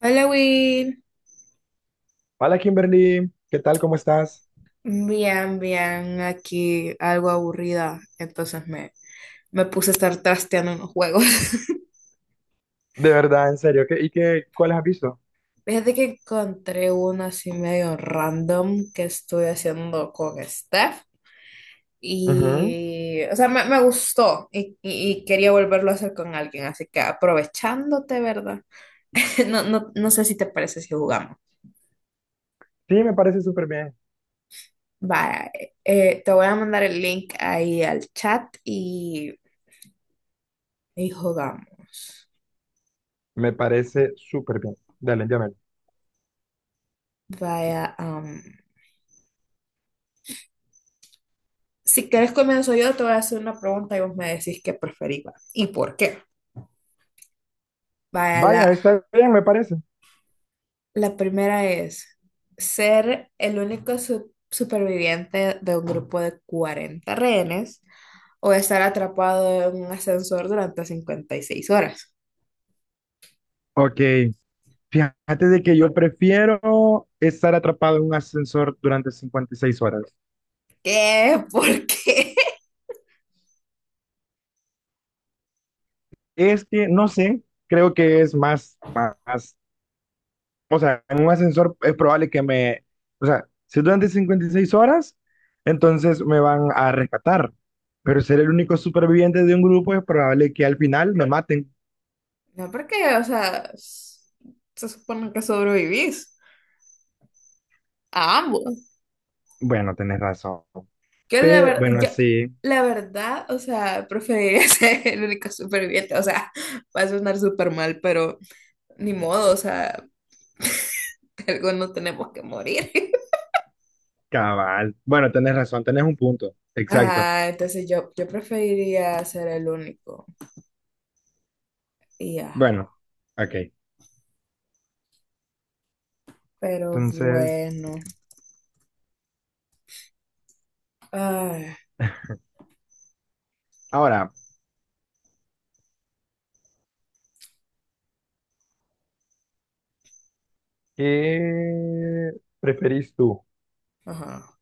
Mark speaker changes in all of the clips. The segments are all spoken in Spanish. Speaker 1: Hola, Will.
Speaker 2: Hola Kimberly, ¿qué tal? ¿Cómo estás?
Speaker 1: Aquí algo aburrida, entonces me puse a estar trasteando unos juegos.
Speaker 2: De verdad, en serio, ¿ cuáles has visto?
Speaker 1: Fíjate que encontré uno así medio random que estoy haciendo con Steph
Speaker 2: Ujú.
Speaker 1: y, o sea, me gustó, y quería volverlo a hacer con alguien, así que aprovechándote, ¿verdad? No, no, no sé si te parece si jugamos.
Speaker 2: Sí, me parece súper bien.
Speaker 1: Vale, te voy a mandar el link ahí al chat y jugamos.
Speaker 2: Me parece súper bien. Dale, llámalo.
Speaker 1: Vaya. Si querés comienzo yo, te voy a hacer una pregunta y vos me decís qué preferís va, y por qué. Vaya, la,
Speaker 2: Vaya, está bien, me parece.
Speaker 1: la primera es ser el único superviviente de un grupo de 40 rehenes o estar atrapado en un ascensor durante 56 horas.
Speaker 2: Ok, fíjate de que yo prefiero estar atrapado en un ascensor durante 56 horas.
Speaker 1: ¿Qué? ¿Por qué?
Speaker 2: Es que, no sé, creo que es más, o sea, en un ascensor es probable que me, o sea, si es durante 56 horas, entonces me van a rescatar. Pero ser el único superviviente de un grupo es probable que al final me maten.
Speaker 1: No, porque, o sea, se supone que sobrevivís a ambos.
Speaker 2: Bueno, tenés razón.
Speaker 1: Yo la verdad,
Speaker 2: Bueno,
Speaker 1: yo,
Speaker 2: sí,
Speaker 1: la verdad, o sea, preferiría ser el único superviviente. O sea, va a sonar súper mal, pero ni modo, o sea, algo no tenemos que morir.
Speaker 2: cabal. Bueno, tenés razón, tenés un punto. Exacto.
Speaker 1: Ajá, entonces yo preferiría ser el único. Y ajá,
Speaker 2: Bueno, ok.
Speaker 1: pero
Speaker 2: Entonces,
Speaker 1: bueno.
Speaker 2: ok,
Speaker 1: Ay,
Speaker 2: ahora, ¿qué preferís tú?
Speaker 1: ajá.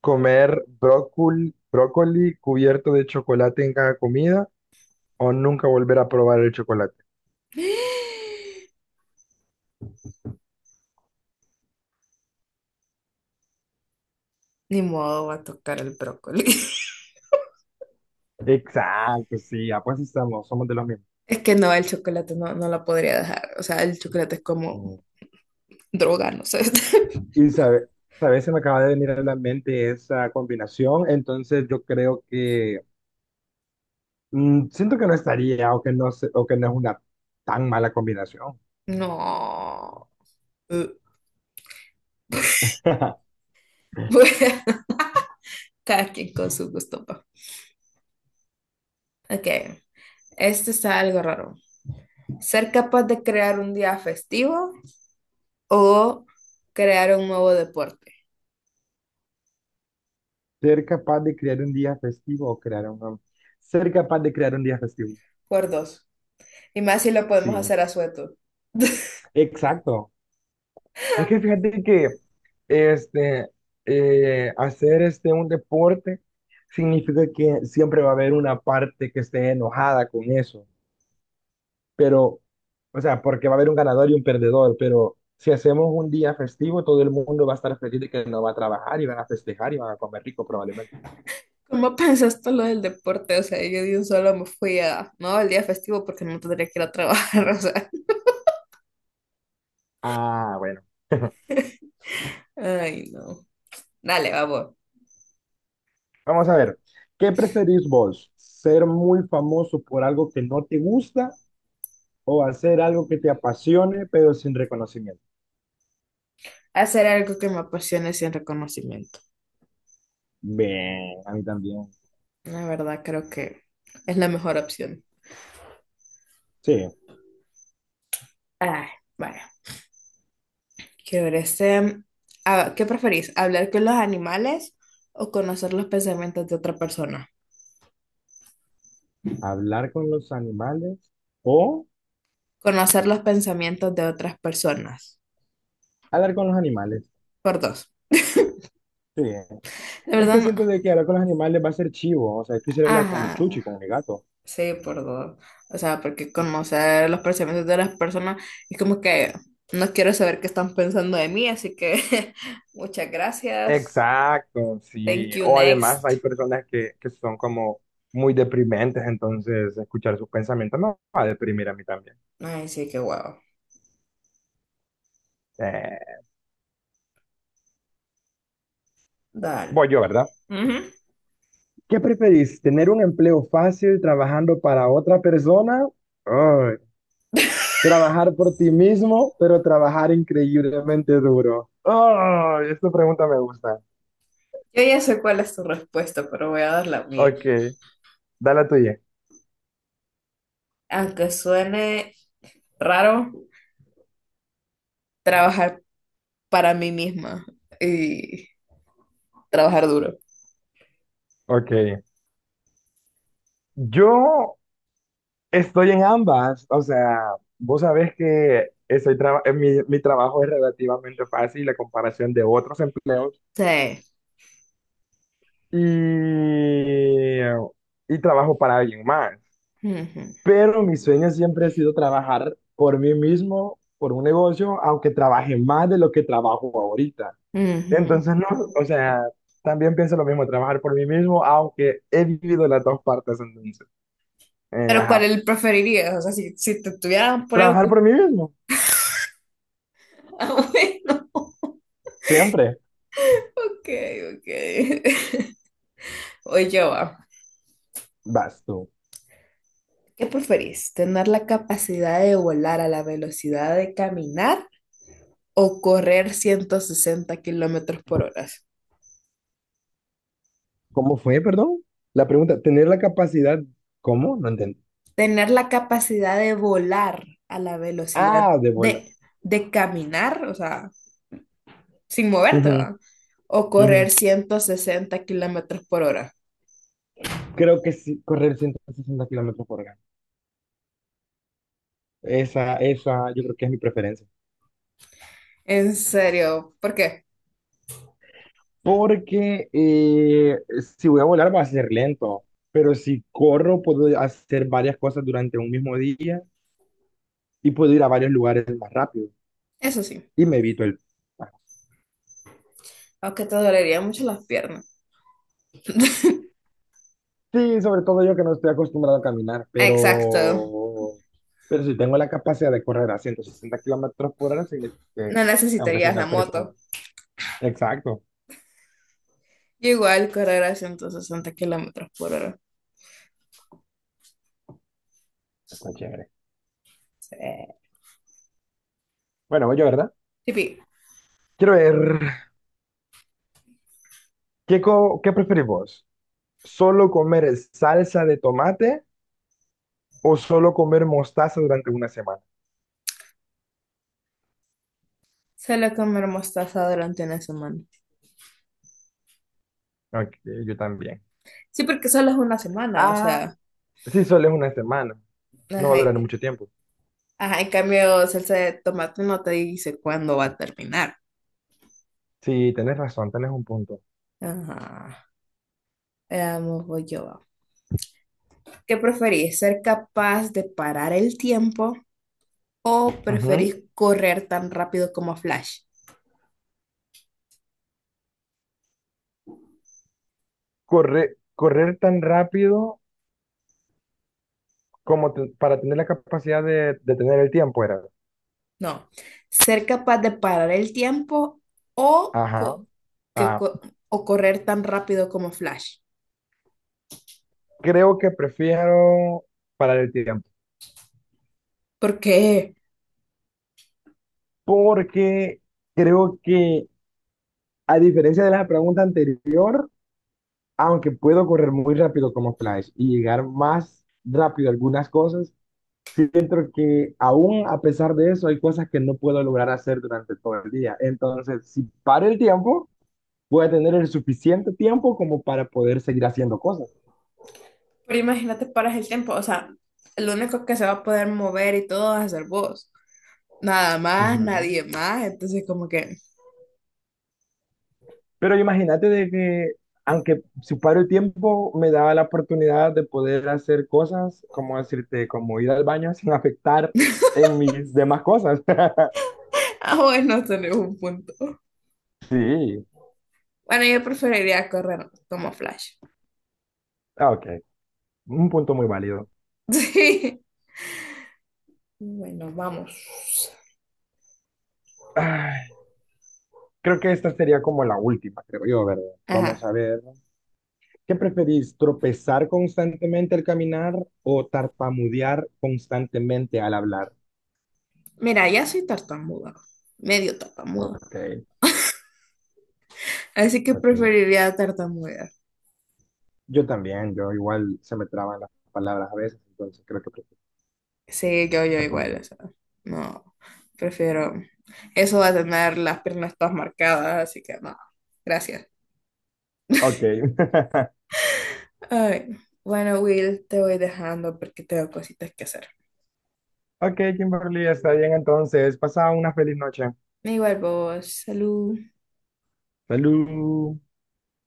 Speaker 2: ¿Comer brócoli, brócoli cubierto de chocolate en cada comida o nunca volver a probar el chocolate?
Speaker 1: Ni modo va a tocar el brócoli.
Speaker 2: Exacto, sí, ah, pues estamos, somos de los mismos.
Speaker 1: Es que no, el chocolate no, no la podría dejar. O sea, el chocolate es como
Speaker 2: Mm.
Speaker 1: droga, no sé.
Speaker 2: Y sabe, sabes, se me acaba de venir a la mente esa combinación, entonces yo creo que mm, siento que no estaría o que no, se- o que no es una tan mala combinación.
Speaker 1: No. Uh. Cada quien con su gusto, pa. Ok, este está algo raro. ¿Ser capaz de crear un día festivo o crear un nuevo deporte?
Speaker 2: ¿Ser capaz de crear un día festivo o crear un... Ser capaz de crear un día festivo.
Speaker 1: Por dos. Y más si lo podemos
Speaker 2: Sí,
Speaker 1: hacer a sueto.
Speaker 2: exacto. Es que fíjate que este, un deporte significa que siempre va a haber una parte que esté enojada con eso, pero, o sea, porque va a haber un ganador y un perdedor, pero si hacemos un día festivo, todo el mundo va a estar feliz de que no va a trabajar y van a festejar y van a comer rico probablemente.
Speaker 1: ¿Cómo pensaste lo del deporte? O sea, yo de un solo me fui a, no, el día festivo porque no tendría que ir a trabajar, o sea,
Speaker 2: Ah, bueno,
Speaker 1: ay, no. Dale, vamos.
Speaker 2: vamos a ver, ¿qué preferís vos? ¿Ser muy famoso por algo que no te gusta o hacer algo que te apasione pero sin reconocimiento?
Speaker 1: Hacer algo que me apasione sin reconocimiento.
Speaker 2: Bien, a mí también.
Speaker 1: La verdad, creo que es la mejor opción.
Speaker 2: Sí,
Speaker 1: Ay, vale. Chévere. ¿Qué preferís? ¿Hablar con los animales o conocer los pensamientos de otra persona?
Speaker 2: hablar con los animales o
Speaker 1: Conocer los pensamientos de otras personas.
Speaker 2: hablar con los animales.
Speaker 1: Por dos.
Speaker 2: Sí,
Speaker 1: De
Speaker 2: es
Speaker 1: verdad,
Speaker 2: que siento de que hablar con los animales va a ser chivo. O sea, es quisiera hablar con mi
Speaker 1: ajá.
Speaker 2: chuchi, con mi gato.
Speaker 1: Sí, por dos. O sea, porque conocer los pensamientos de las personas es como que no quiero saber qué están pensando de mí, así que muchas gracias.
Speaker 2: Exacto, sí.
Speaker 1: Thank you,
Speaker 2: O además hay
Speaker 1: next.
Speaker 2: personas que son como muy deprimentes, entonces escuchar sus pensamientos me va a deprimir a mí también.
Speaker 1: Ay, sí, qué guau.
Speaker 2: Eh, Voy
Speaker 1: Dale.
Speaker 2: yo, ¿verdad?
Speaker 1: Ujú.
Speaker 2: ¿Qué preferís? ¿Tener un empleo fácil trabajando para otra persona? Ay, ¿trabajar por ti mismo, pero trabajar increíblemente duro? Ay, esta pregunta me gusta.
Speaker 1: Yo ya sé cuál es tu respuesta, pero voy a dar la mía.
Speaker 2: Ok, dale la tuya.
Speaker 1: Aunque suene raro, trabajar para mí misma y trabajar duro.
Speaker 2: Ok, yo estoy en ambas. O sea, vos sabés que mi trabajo es relativamente fácil a comparación de otros empleos
Speaker 1: Sí.
Speaker 2: y, y trabajo para alguien más.
Speaker 1: Ujú,
Speaker 2: Pero mi sueño siempre ha sido trabajar por mí mismo, por un negocio, aunque trabaje más de lo que trabajo ahorita.
Speaker 1: ujú.
Speaker 2: Entonces, no, o sea, también pienso lo mismo, trabajar por mí mismo, aunque he vivido las dos partes entonces. Eh,
Speaker 1: Pero ¿cuál
Speaker 2: ajá.
Speaker 1: el preferirías? O sea, si te estuvieran poniendo...
Speaker 2: Trabajar por mí mismo,
Speaker 1: Ah, bueno,
Speaker 2: siempre.
Speaker 1: ok, ok. Oye, va.
Speaker 2: Vas tú.
Speaker 1: ¿Qué preferís? ¿Tener la capacidad de volar a la velocidad de caminar o correr 160 kilómetros por hora?
Speaker 2: ¿Cómo fue, perdón? La pregunta, tener la capacidad, ¿cómo? No entiendo.
Speaker 1: Tener la capacidad de volar a la velocidad
Speaker 2: Ah, de bola.
Speaker 1: de caminar, o sea, sin moverte,
Speaker 2: Ujú,
Speaker 1: ¿va? O
Speaker 2: ujú.
Speaker 1: correr 160 kilómetros por hora.
Speaker 2: Creo que sí, correr 160 km/h. Esa, yo creo que es mi preferencia.
Speaker 1: En serio, ¿por qué?
Speaker 2: Porque si voy a volar va a ser lento, pero si corro puedo hacer varias cosas durante un mismo día y puedo ir a varios lugares más rápido
Speaker 1: Eso sí,
Speaker 2: y me evito el...
Speaker 1: aunque te dolería mucho las piernas.
Speaker 2: Sí, sobre todo yo que no estoy acostumbrado a caminar,
Speaker 1: Exacto,
Speaker 2: pero si tengo la capacidad de correr a 160 km/h, significa que
Speaker 1: no
Speaker 2: aunque soy
Speaker 1: necesitarías
Speaker 2: una
Speaker 1: la
Speaker 2: persona.
Speaker 1: moto.
Speaker 2: Exacto,
Speaker 1: Igual correr a 160 kilómetros por hora.
Speaker 2: está chévere.
Speaker 1: Sí.
Speaker 2: Bueno, voy yo, ¿verdad?
Speaker 1: Tipi,
Speaker 2: Quiero ver, ¿ qué preferís vos? ¿Solo comer salsa de tomate o solo comer mostaza durante una semana?
Speaker 1: solo comer mostaza durante una semana.
Speaker 2: Ok, yo también.
Speaker 1: Sí, porque solo es una semana, o
Speaker 2: Ah,
Speaker 1: sea,
Speaker 2: sí, solo es una semana. No va
Speaker 1: ajá,
Speaker 2: a durar mucho tiempo.
Speaker 1: ajá, en cambio salsa de tomate no te dice cuándo va a terminar.
Speaker 2: Sí, tenés razón, tenés un punto.
Speaker 1: Ajá, veamos, voy yo. ¿Qué preferís? ¿Ser capaz de parar el tiempo o
Speaker 2: Ujú.
Speaker 1: preferís correr tan rápido como Flash?
Speaker 2: Correr tan rápido como te- para tener la capacidad de tener el tiempo, era.
Speaker 1: No, ser capaz de parar el tiempo o,
Speaker 2: Ajá.
Speaker 1: co- que
Speaker 2: Ah,
Speaker 1: co- o correr tan rápido como Flash.
Speaker 2: creo que prefiero parar el tiempo.
Speaker 1: ¿Por qué?
Speaker 2: Porque creo que, a diferencia de la pregunta anterior, aunque puedo correr muy rápido como Flash y llegar más rápido a algunas cosas, siento que aún a pesar de eso hay cosas que no puedo lograr hacer durante todo el día. Entonces, si paro el tiempo voy a tener el suficiente tiempo como para poder seguir haciendo cosas.
Speaker 1: Pero imagínate, paras el tiempo, o sea, lo único que se va a poder mover y todo va a ser vos. Nada más,
Speaker 2: Ujú.
Speaker 1: nadie más. Entonces, como que,
Speaker 2: Pero imagínate de que, aunque suparo el tiempo, me daba la oportunidad de poder hacer cosas, como decirte, como ir al baño sin afectar en mis demás cosas.
Speaker 1: ah, bueno, tenés un punto.
Speaker 2: Sí,
Speaker 1: Bueno, yo preferiría correr como Flash.
Speaker 2: ah, ok, un punto muy válido.
Speaker 1: Sí. Bueno, vamos.
Speaker 2: Ay, creo que esta sería como la última, creo yo, ¿verdad?
Speaker 1: Ajá.
Speaker 2: Vamos a ver. ¿Qué preferís, tropezar constantemente al caminar o tarpamudear constantemente al hablar?
Speaker 1: Mira, ya soy tartamuda, medio tartamuda.
Speaker 2: Ok.
Speaker 1: Así que
Speaker 2: Porque
Speaker 1: preferiría tartamudear.
Speaker 2: yo también, yo igual se me traban las palabras a veces, entonces creo que
Speaker 1: Sí, yo igual,
Speaker 2: tartamudeo.
Speaker 1: o sea, no, prefiero. Eso va a tener las piernas todas marcadas, así que no, gracias.
Speaker 2: Ok.
Speaker 1: Ay, bueno, Will, te voy dejando porque tengo cositas que hacer.
Speaker 2: Ok, Kimberly, está bien entonces. Pasa una feliz noche.
Speaker 1: Igual vos, salud.
Speaker 2: Salud.